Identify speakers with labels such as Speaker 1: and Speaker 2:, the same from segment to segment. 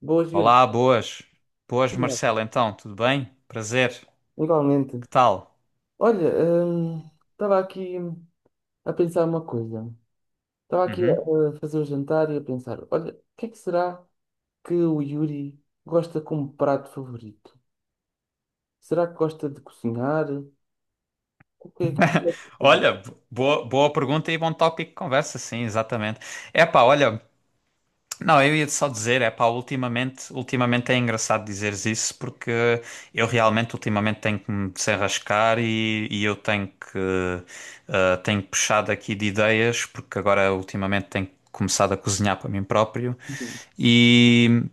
Speaker 1: Boas, Yuri.
Speaker 2: Olá, boas. Boas, Marcelo. Então, tudo bem? Prazer.
Speaker 1: Igualmente.
Speaker 2: Que tal?
Speaker 1: Olha, hum, estava aqui a pensar uma coisa. Estava aqui
Speaker 2: Uhum.
Speaker 1: a fazer o jantar e a pensar, olha, o que é que será que o Yuri gosta como prato favorito? Será que gosta de cozinhar? O que é que...
Speaker 2: Olha, boa pergunta e bom tópico de conversa, sim, exatamente. Epá, olha, não, eu ia só dizer, epá, ultimamente é engraçado dizeres isso porque eu realmente ultimamente tenho que me desenrascar e eu tenho que, tenho puxado aqui de ideias porque agora ultimamente tenho começado a cozinhar para mim próprio. E,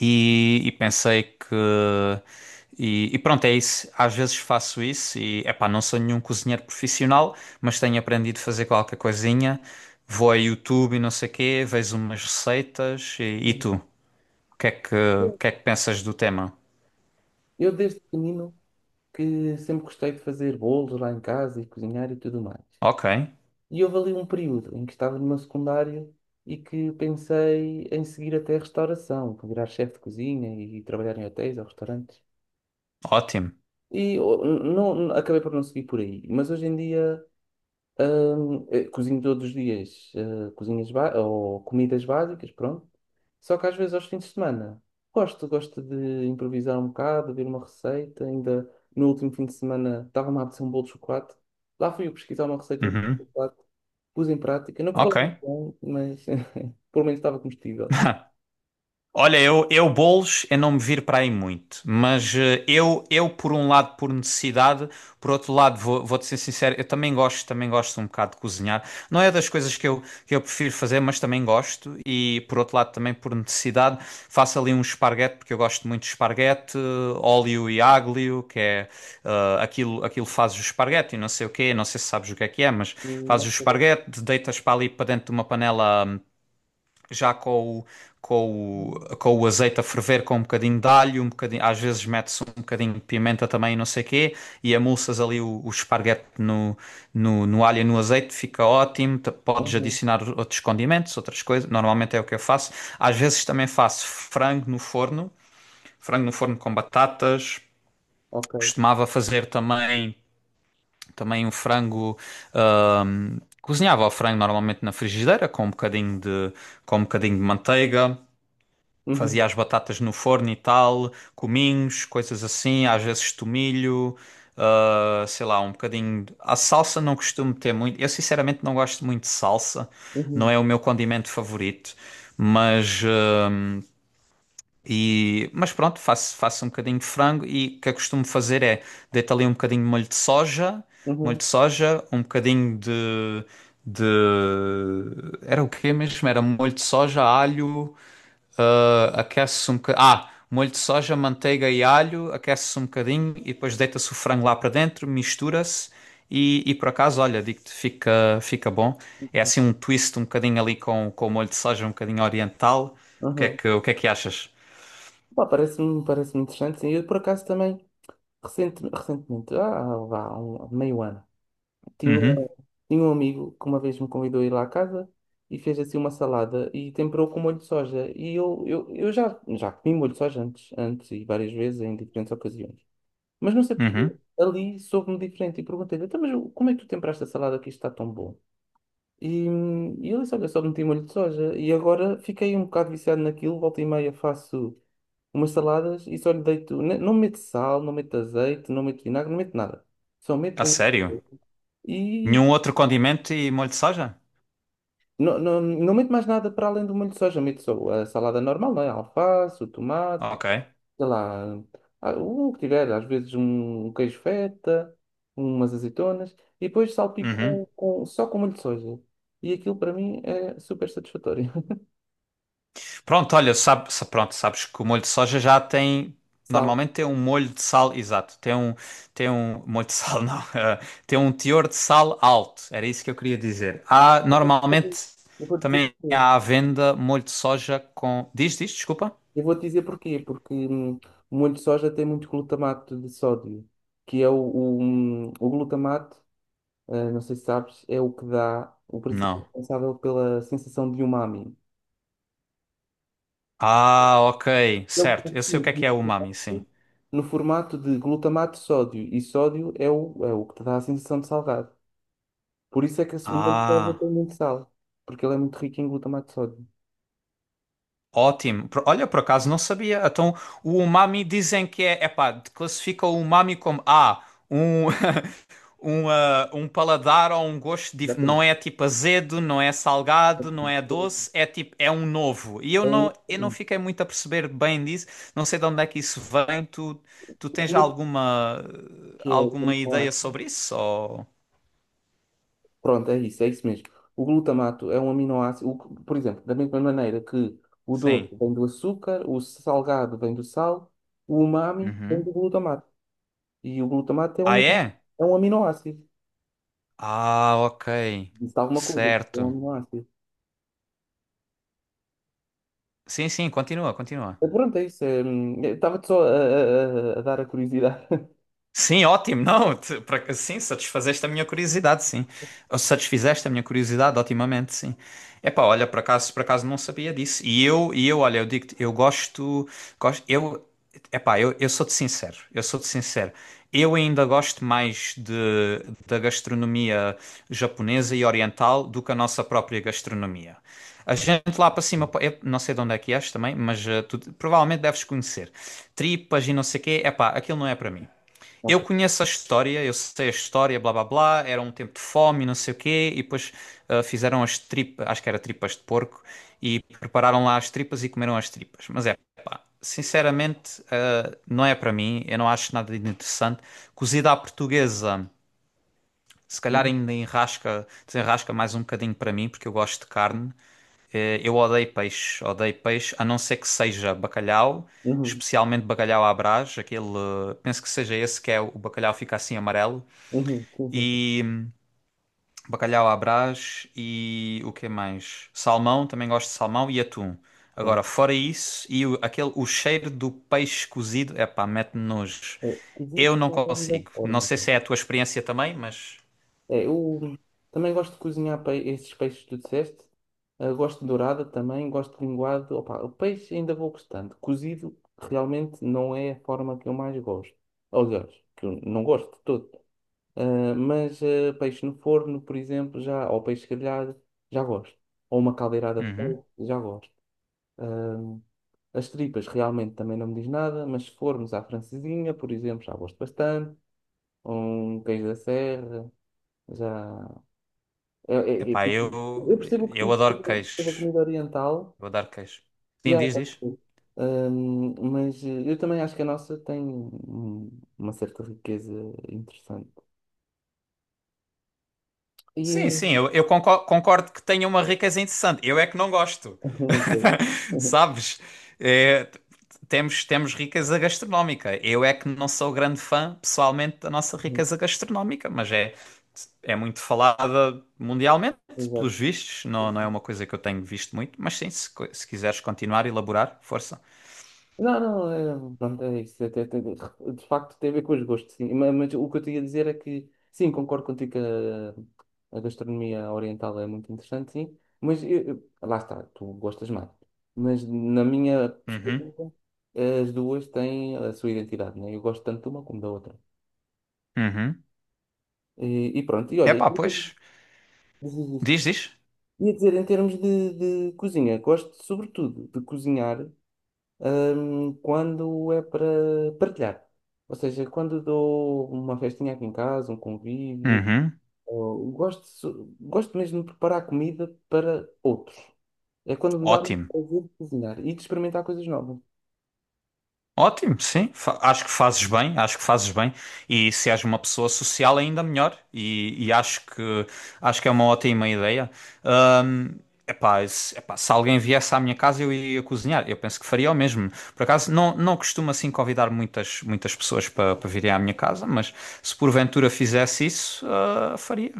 Speaker 2: E, e pensei que. E, pronto, é isso. Às vezes faço isso e, epá, não sou nenhum cozinheiro profissional, mas tenho aprendido a fazer qualquer coisinha. Vou a YouTube e não sei quê, vejo umas receitas. E tu? O que é que pensas do tema?
Speaker 1: Eu desde pequenino que sempre gostei de fazer bolos lá em casa e cozinhar e tudo mais.
Speaker 2: Ok,
Speaker 1: E houve ali um período em que estava no meu secundário e que pensei em seguir até a restauração, para virar chefe de cozinha e trabalhar em hotéis ou restaurantes.
Speaker 2: ótimo.
Speaker 1: Acabei por não seguir por aí. Mas hoje em dia cozinho todos os dias, eh, cozinhas ba- ou comidas básicas, pronto. Só que às vezes aos fins de semana gosto de improvisar um bocado, ver uma receita. Ainda no último fim de semana estava-me a apetecer um bolo de chocolate. Lá fui eu pesquisar uma receita de
Speaker 2: Uhum,
Speaker 1: chocolate. Pus em prática, não correu
Speaker 2: Ok.
Speaker 1: muito bem, mas pelo menos estava comestível.
Speaker 2: Olha, eu bolos é não me vir para aí muito, mas eu por um lado por necessidade, por outro lado vou-te ser sincero, eu também gosto um bocado de cozinhar. Não é das coisas que eu prefiro fazer, mas também gosto e por outro lado também por necessidade faço ali um esparguete porque eu gosto muito de esparguete, óleo e aglio, que é aquilo fazes o esparguete e não sei o quê, não sei se sabes o que é, mas
Speaker 1: Não
Speaker 2: fazes o
Speaker 1: correu.
Speaker 2: esparguete, deitas para ali para dentro de uma panela já com o azeite a ferver com um bocadinho de alho, um bocadinho, às vezes mete-se um bocadinho de pimenta também, e não sei quê, e amulsas ali o esparguete no alho e no azeite, fica ótimo. Podes
Speaker 1: Uhum,
Speaker 2: adicionar outros condimentos, outras coisas, normalmente é o que eu faço. Às vezes também faço frango no forno com batatas,
Speaker 1: ok.
Speaker 2: costumava fazer também. Também um frango, cozinhava o frango normalmente na frigideira com um bocadinho de manteiga.
Speaker 1: Uhum,
Speaker 2: Fazia as batatas no forno e tal, cominhos, coisas assim, às vezes tomilho, ah, sei lá, um bocadinho. A salsa não costumo ter muito. Eu sinceramente não gosto muito de salsa, não
Speaker 1: uhum,
Speaker 2: é o meu condimento favorito, mas. ah, mas pronto, faço um bocadinho de frango e o que eu costumo fazer é deito ali um bocadinho de molho
Speaker 1: uhum,
Speaker 2: de soja, de... Era o quê mesmo? Era molho de soja, alho, ah, aquece-se um bocadinho. Ah, molho de soja, manteiga e alho, aquece-se um bocadinho e depois deita-se o frango lá para dentro, mistura-se e por acaso, olha, digo-te, fica bom. É assim um twist um bocadinho ali com o molho de soja, um bocadinho oriental. O que é
Speaker 1: uhum.
Speaker 2: que, o que é que achas?
Speaker 1: Pá, parece-me interessante, sim. Eu, por acaso, também, recentemente, ah, vá, há um, meio ano, tinha,
Speaker 2: Uhum,
Speaker 1: tinha um amigo que uma vez me convidou a ir lá à casa e fez assim uma salada e temperou com molho de soja. E eu já comi molho de soja antes e várias vezes em diferentes ocasiões. Mas não sei porque
Speaker 2: uhum.
Speaker 1: ali soube-me diferente e perguntei-lhe: então, mas como é que tu temperaste a salada que isto está tão bom? E, e ele disse: olha, só meti molho de soja. E agora fiquei um bocado viciado naquilo, volta e meia faço umas saladas e só lhe deito, não meto sal, não meto azeite, não meto vinagre, não meto nada. Só meto
Speaker 2: A
Speaker 1: um...
Speaker 2: sério?
Speaker 1: E
Speaker 2: Nenhum outro condimento e molho de soja?
Speaker 1: não, não, não meto mais nada para além do molho de soja, meto só a salada normal, não é? A alface, o tomate,
Speaker 2: Ok.
Speaker 1: sei lá, ah, o que tiver, às vezes um queijo feta, umas azeitonas, e depois
Speaker 2: Uhum.
Speaker 1: salpico com, só com molho de soja. E aquilo para mim é super satisfatório.
Speaker 2: Pronto, olha, pronto, sabes que o molho de soja já tem.
Speaker 1: Sal.
Speaker 2: Normalmente tem um molho de sal, exato. Tem um molho de sal, não. Tem um teor de sal alto. Era isso que eu queria dizer. Há, normalmente
Speaker 1: Eu vou-te dizer
Speaker 2: também
Speaker 1: porquê.
Speaker 2: há à venda molho de soja com. Diz, diz, desculpa?
Speaker 1: Eu vou-te dizer porquê, porque o molho de soja tem muito glutamato de sódio, que é o glutamato, ah, não sei se sabes, é o que dá o principal
Speaker 2: Não.
Speaker 1: responsável pela sensação de umami.
Speaker 2: Ah, ok,
Speaker 1: Ele
Speaker 2: certo. Eu sei o
Speaker 1: tem
Speaker 2: que é umami, sim.
Speaker 1: no formato de glutamato de sódio, e sódio é é o que te dá a sensação de salgado. Por isso é que a segunda prova
Speaker 2: Ah.
Speaker 1: tem muito sal, porque ele é muito rico em glutamato de sódio.
Speaker 2: Ótimo. Olha, por acaso não sabia. Então, o umami dizem que é, epá, classifica o umami como um, um paladar ou um gosto não
Speaker 1: Exatamente.
Speaker 2: é tipo azedo, não é salgado, não é
Speaker 1: É
Speaker 2: doce, é tipo é um novo. E
Speaker 1: um
Speaker 2: eu não fiquei muito a perceber bem disso. Não sei de onde é que isso vem. Tu tens
Speaker 1: aminoácido
Speaker 2: alguma
Speaker 1: que é um
Speaker 2: alguma ideia
Speaker 1: aminoácido.
Speaker 2: sobre isso? Ou...
Speaker 1: Pronto, é isso mesmo. O glutamato é um aminoácido, o que- por exemplo, da mesma maneira que o
Speaker 2: Sim.
Speaker 1: doce vem do açúcar, o salgado vem do sal, o umami vem
Speaker 2: Uhum.
Speaker 1: do glutamato. E o glutamato é
Speaker 2: Ah, é?
Speaker 1: é um aminoácido.
Speaker 2: Ah, ok.
Speaker 1: Disse alguma coisa, tipo, é
Speaker 2: Certo.
Speaker 1: um ácido.
Speaker 2: Sim, sim, continua, continua.
Speaker 1: Pronto, é isso. Eu estava-te só a dar a curiosidade.
Speaker 2: Sim, ótimo. Não, sim, satisfazeste a minha curiosidade, sim. Ou satisfizeste a minha curiosidade, otimamente, sim. Epá, olha, por acaso não sabia disso. Olha, eu digo-te, eu gosto, gosto, eu, epá, eu sou-te sincero, eu sou-te sincero. Eu ainda gosto mais de, da gastronomia japonesa e oriental do que a nossa própria gastronomia. A gente lá para cima, pá, eu não sei de onde é que és também, mas tu provavelmente deves conhecer. Tripas e não sei o quê, epá, aquilo não é para mim. Eu
Speaker 1: Ok.
Speaker 2: conheço a história, eu sei a história, blá blá blá, era um tempo de fome, não sei o quê, e depois ah, fizeram as tripas, acho que era tripas de porco, e prepararam lá as tripas e comeram as tripas. Mas é, pá, sinceramente, ah, não é para mim, eu não acho nada de interessante. Cozida à portuguesa, se calhar
Speaker 1: Uhum,
Speaker 2: ainda enrasca, desenrasca mais um bocadinho para mim, porque eu gosto de carne, eu odeio peixe, a não ser que seja bacalhau,
Speaker 1: uhum,
Speaker 2: especialmente bacalhau à Brás, aquele, penso que seja esse que é o bacalhau fica assim amarelo,
Speaker 1: uhum, sim, sim, sim.
Speaker 2: e bacalhau à Brás e o que mais? Salmão, também gosto de salmão e atum. Agora,
Speaker 1: Pronto.
Speaker 2: fora isso, o cheiro do peixe cozido, epá, mete-me nojo.
Speaker 1: É, cozido
Speaker 2: Eu não
Speaker 1: é apenas da
Speaker 2: consigo. Não
Speaker 1: forma,
Speaker 2: sei
Speaker 1: né?
Speaker 2: se é a tua experiência também, mas...
Speaker 1: Eu também gosto de cozinhar esses peixes que tu disseste. Eh, gosto de dourada também, gosto de linguado. Opa, o peixe ainda vou gostando. Cozido realmente não é a forma que eu mais gosto. Aliás, que eu não gosto de todo. Peixe no forno, por exemplo, já, ou peixe grelhado, já gosto. Ou uma caldeirada de
Speaker 2: Uhum.
Speaker 1: polvo, já gosto. Ah, as tripas realmente também não me diz nada, mas se formos à francesinha, por exemplo, já gosto bastante. Um queijo da serra, já. é- é- é-
Speaker 2: Epá,
Speaker 1: Eu percebo o que
Speaker 2: eu
Speaker 1: digo
Speaker 2: adoro
Speaker 1: sobre a
Speaker 2: queijo.
Speaker 1: comida oriental.
Speaker 2: Eu adoro queijo. Sim, diz,
Speaker 1: Tá
Speaker 2: diz.
Speaker 1: bom. Eu também acho que a nossa tem hum, uma certa riqueza interessante. E...
Speaker 2: Sim, sim, concordo que tenha uma riqueza interessante. Eu é que não gosto. Sabes? É, t- temos, temos riqueza gastronómica. Eu é que não sou grande fã, pessoalmente, da nossa riqueza gastronómica, mas é, é muito falada mundialmente,
Speaker 1: Exato.
Speaker 2: pelos vistos. Não, não é uma coisa que eu tenho visto muito, mas sim, se, se quiseres continuar, elaborar, força.
Speaker 1: Não, não, é, pronto, é isso. De facto, tem a ver com os gostos, sim. Mas o que eu tinha a dizer é que, sim, concordo contigo que a gastronomia oriental é muito interessante, sim. Lá está, tu gostas mais. Mas na minha
Speaker 2: Uhum,
Speaker 1: perspectiva, as duas têm a sua identidade, né? Eu gosto tanto de uma como da outra.
Speaker 2: uhum.
Speaker 1: E olha,
Speaker 2: Epá, pois. Diz, diz.
Speaker 1: ia dizer, em termos de cozinha, gosto sobretudo de cozinhar. Quando é para partilhar. Ou seja, quando dou uma festinha aqui em casa, um convívio,
Speaker 2: Uhum.
Speaker 1: gosto mesmo de preparar comida para outros. É quando me dá o
Speaker 2: Ótimo.
Speaker 1: prazer de cozinhar e de experimentar coisas novas.
Speaker 2: Ótimo, sim. Acho que fazes bem, acho que fazes bem. E se és uma pessoa social, é ainda melhor. Acho que é uma ótima ideia. Ahm, epá, se alguém viesse à minha casa, eu iria cozinhar. Eu penso que faria o mesmo. Por acaso, não, não costumo assim convidar muitas pessoas para virem à minha casa, mas se porventura fizesse isso, ah, faria.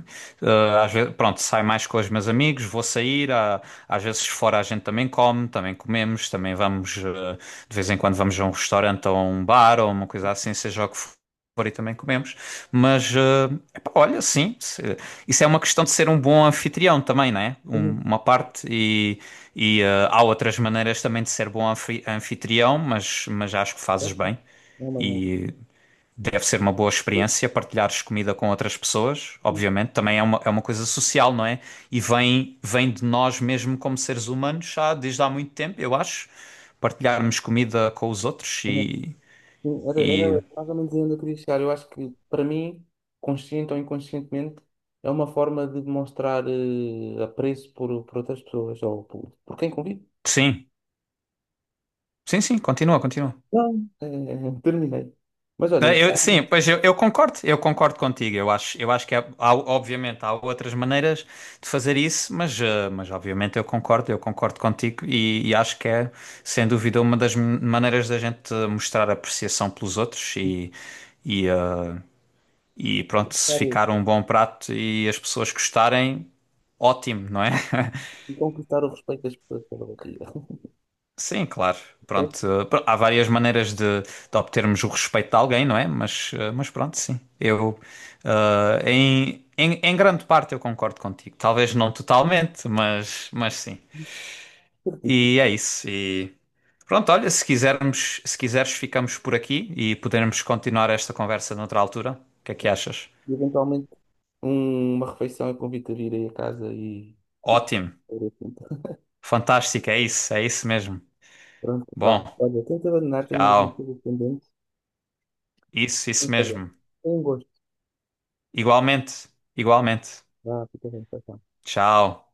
Speaker 2: Ah, às vezes, pronto, é mais com os meus amigos, vou sair, ah, às vezes fora a gente também come, também comemos, também vamos, de vez em quando vamos a um restaurante ou a um bar ou uma coisa assim, seja o que for, e também comemos. Mas, epá, olha, sim, isso é uma questão de ser um bom anfitrião também, não é?
Speaker 1: Uhum.
Speaker 2: Uma parte, há outras maneiras também de ser bom anfitrião, mas acho que fazes
Speaker 1: Ok.
Speaker 2: bem.
Speaker 1: É uma boa.
Speaker 2: E deve ser uma boa experiência partilhares comida com outras pessoas, obviamente, também é uma coisa social, não é? E vem, vem de nós mesmo como seres humanos já desde há muito tempo, eu acho, partilharmos comida com os outros
Speaker 1: Uhum. Sim,
Speaker 2: e
Speaker 1: era mais ou menos onde eu queria chegar. Eu acho que, para mim, consciente ou inconscientemente, é uma forma de mostrar apreço por outras pessoas ou por quem convive.
Speaker 2: sim, sim, sim, continua, continua.
Speaker 1: Não, é, é, terminei. Mas olha, está a
Speaker 2: Sim, pois eu concordo contigo. Eu acho que há, obviamente há outras maneiras de fazer isso, mas, mas obviamente eu concordo contigo e acho que é, sem dúvida, uma das maneiras da gente mostrar apreciação pelos outros e, eh, e pronto, se
Speaker 1: conquistar
Speaker 2: ficar um bom prato e as pessoas gostarem, ótimo, não é?
Speaker 1: conquistar o respeito das pessoas pela barriga.
Speaker 2: Sim, claro. Pronto,
Speaker 1: Certo?
Speaker 2: há várias maneiras de obtermos o respeito de alguém, não é? Mas, mas pronto, sim. Eu, em grande parte eu concordo contigo. Talvez não totalmente, mas sim.
Speaker 1: Certíssimo.
Speaker 2: E é isso. E pronto, olha, se quiseres, ficamos por aqui e podermos continuar esta conversa noutra altura. O que é que achas?
Speaker 1: E eventualmente uma refeição eu convido a vir aí a casa e. E
Speaker 2: Ótimo.
Speaker 1: fazer assim.
Speaker 2: Fantástico, é isso mesmo.
Speaker 1: Pronto, vá.
Speaker 2: Bom,
Speaker 1: Olha, tento abandonar, tenho algumas
Speaker 2: tchau.
Speaker 1: coisas pendentes.
Speaker 2: Isso
Speaker 1: Mas olha,
Speaker 2: mesmo.
Speaker 1: tem um gosto.
Speaker 2: Igualmente, igualmente.
Speaker 1: Vá, fica bem, tchau, tchau.
Speaker 2: Tchau.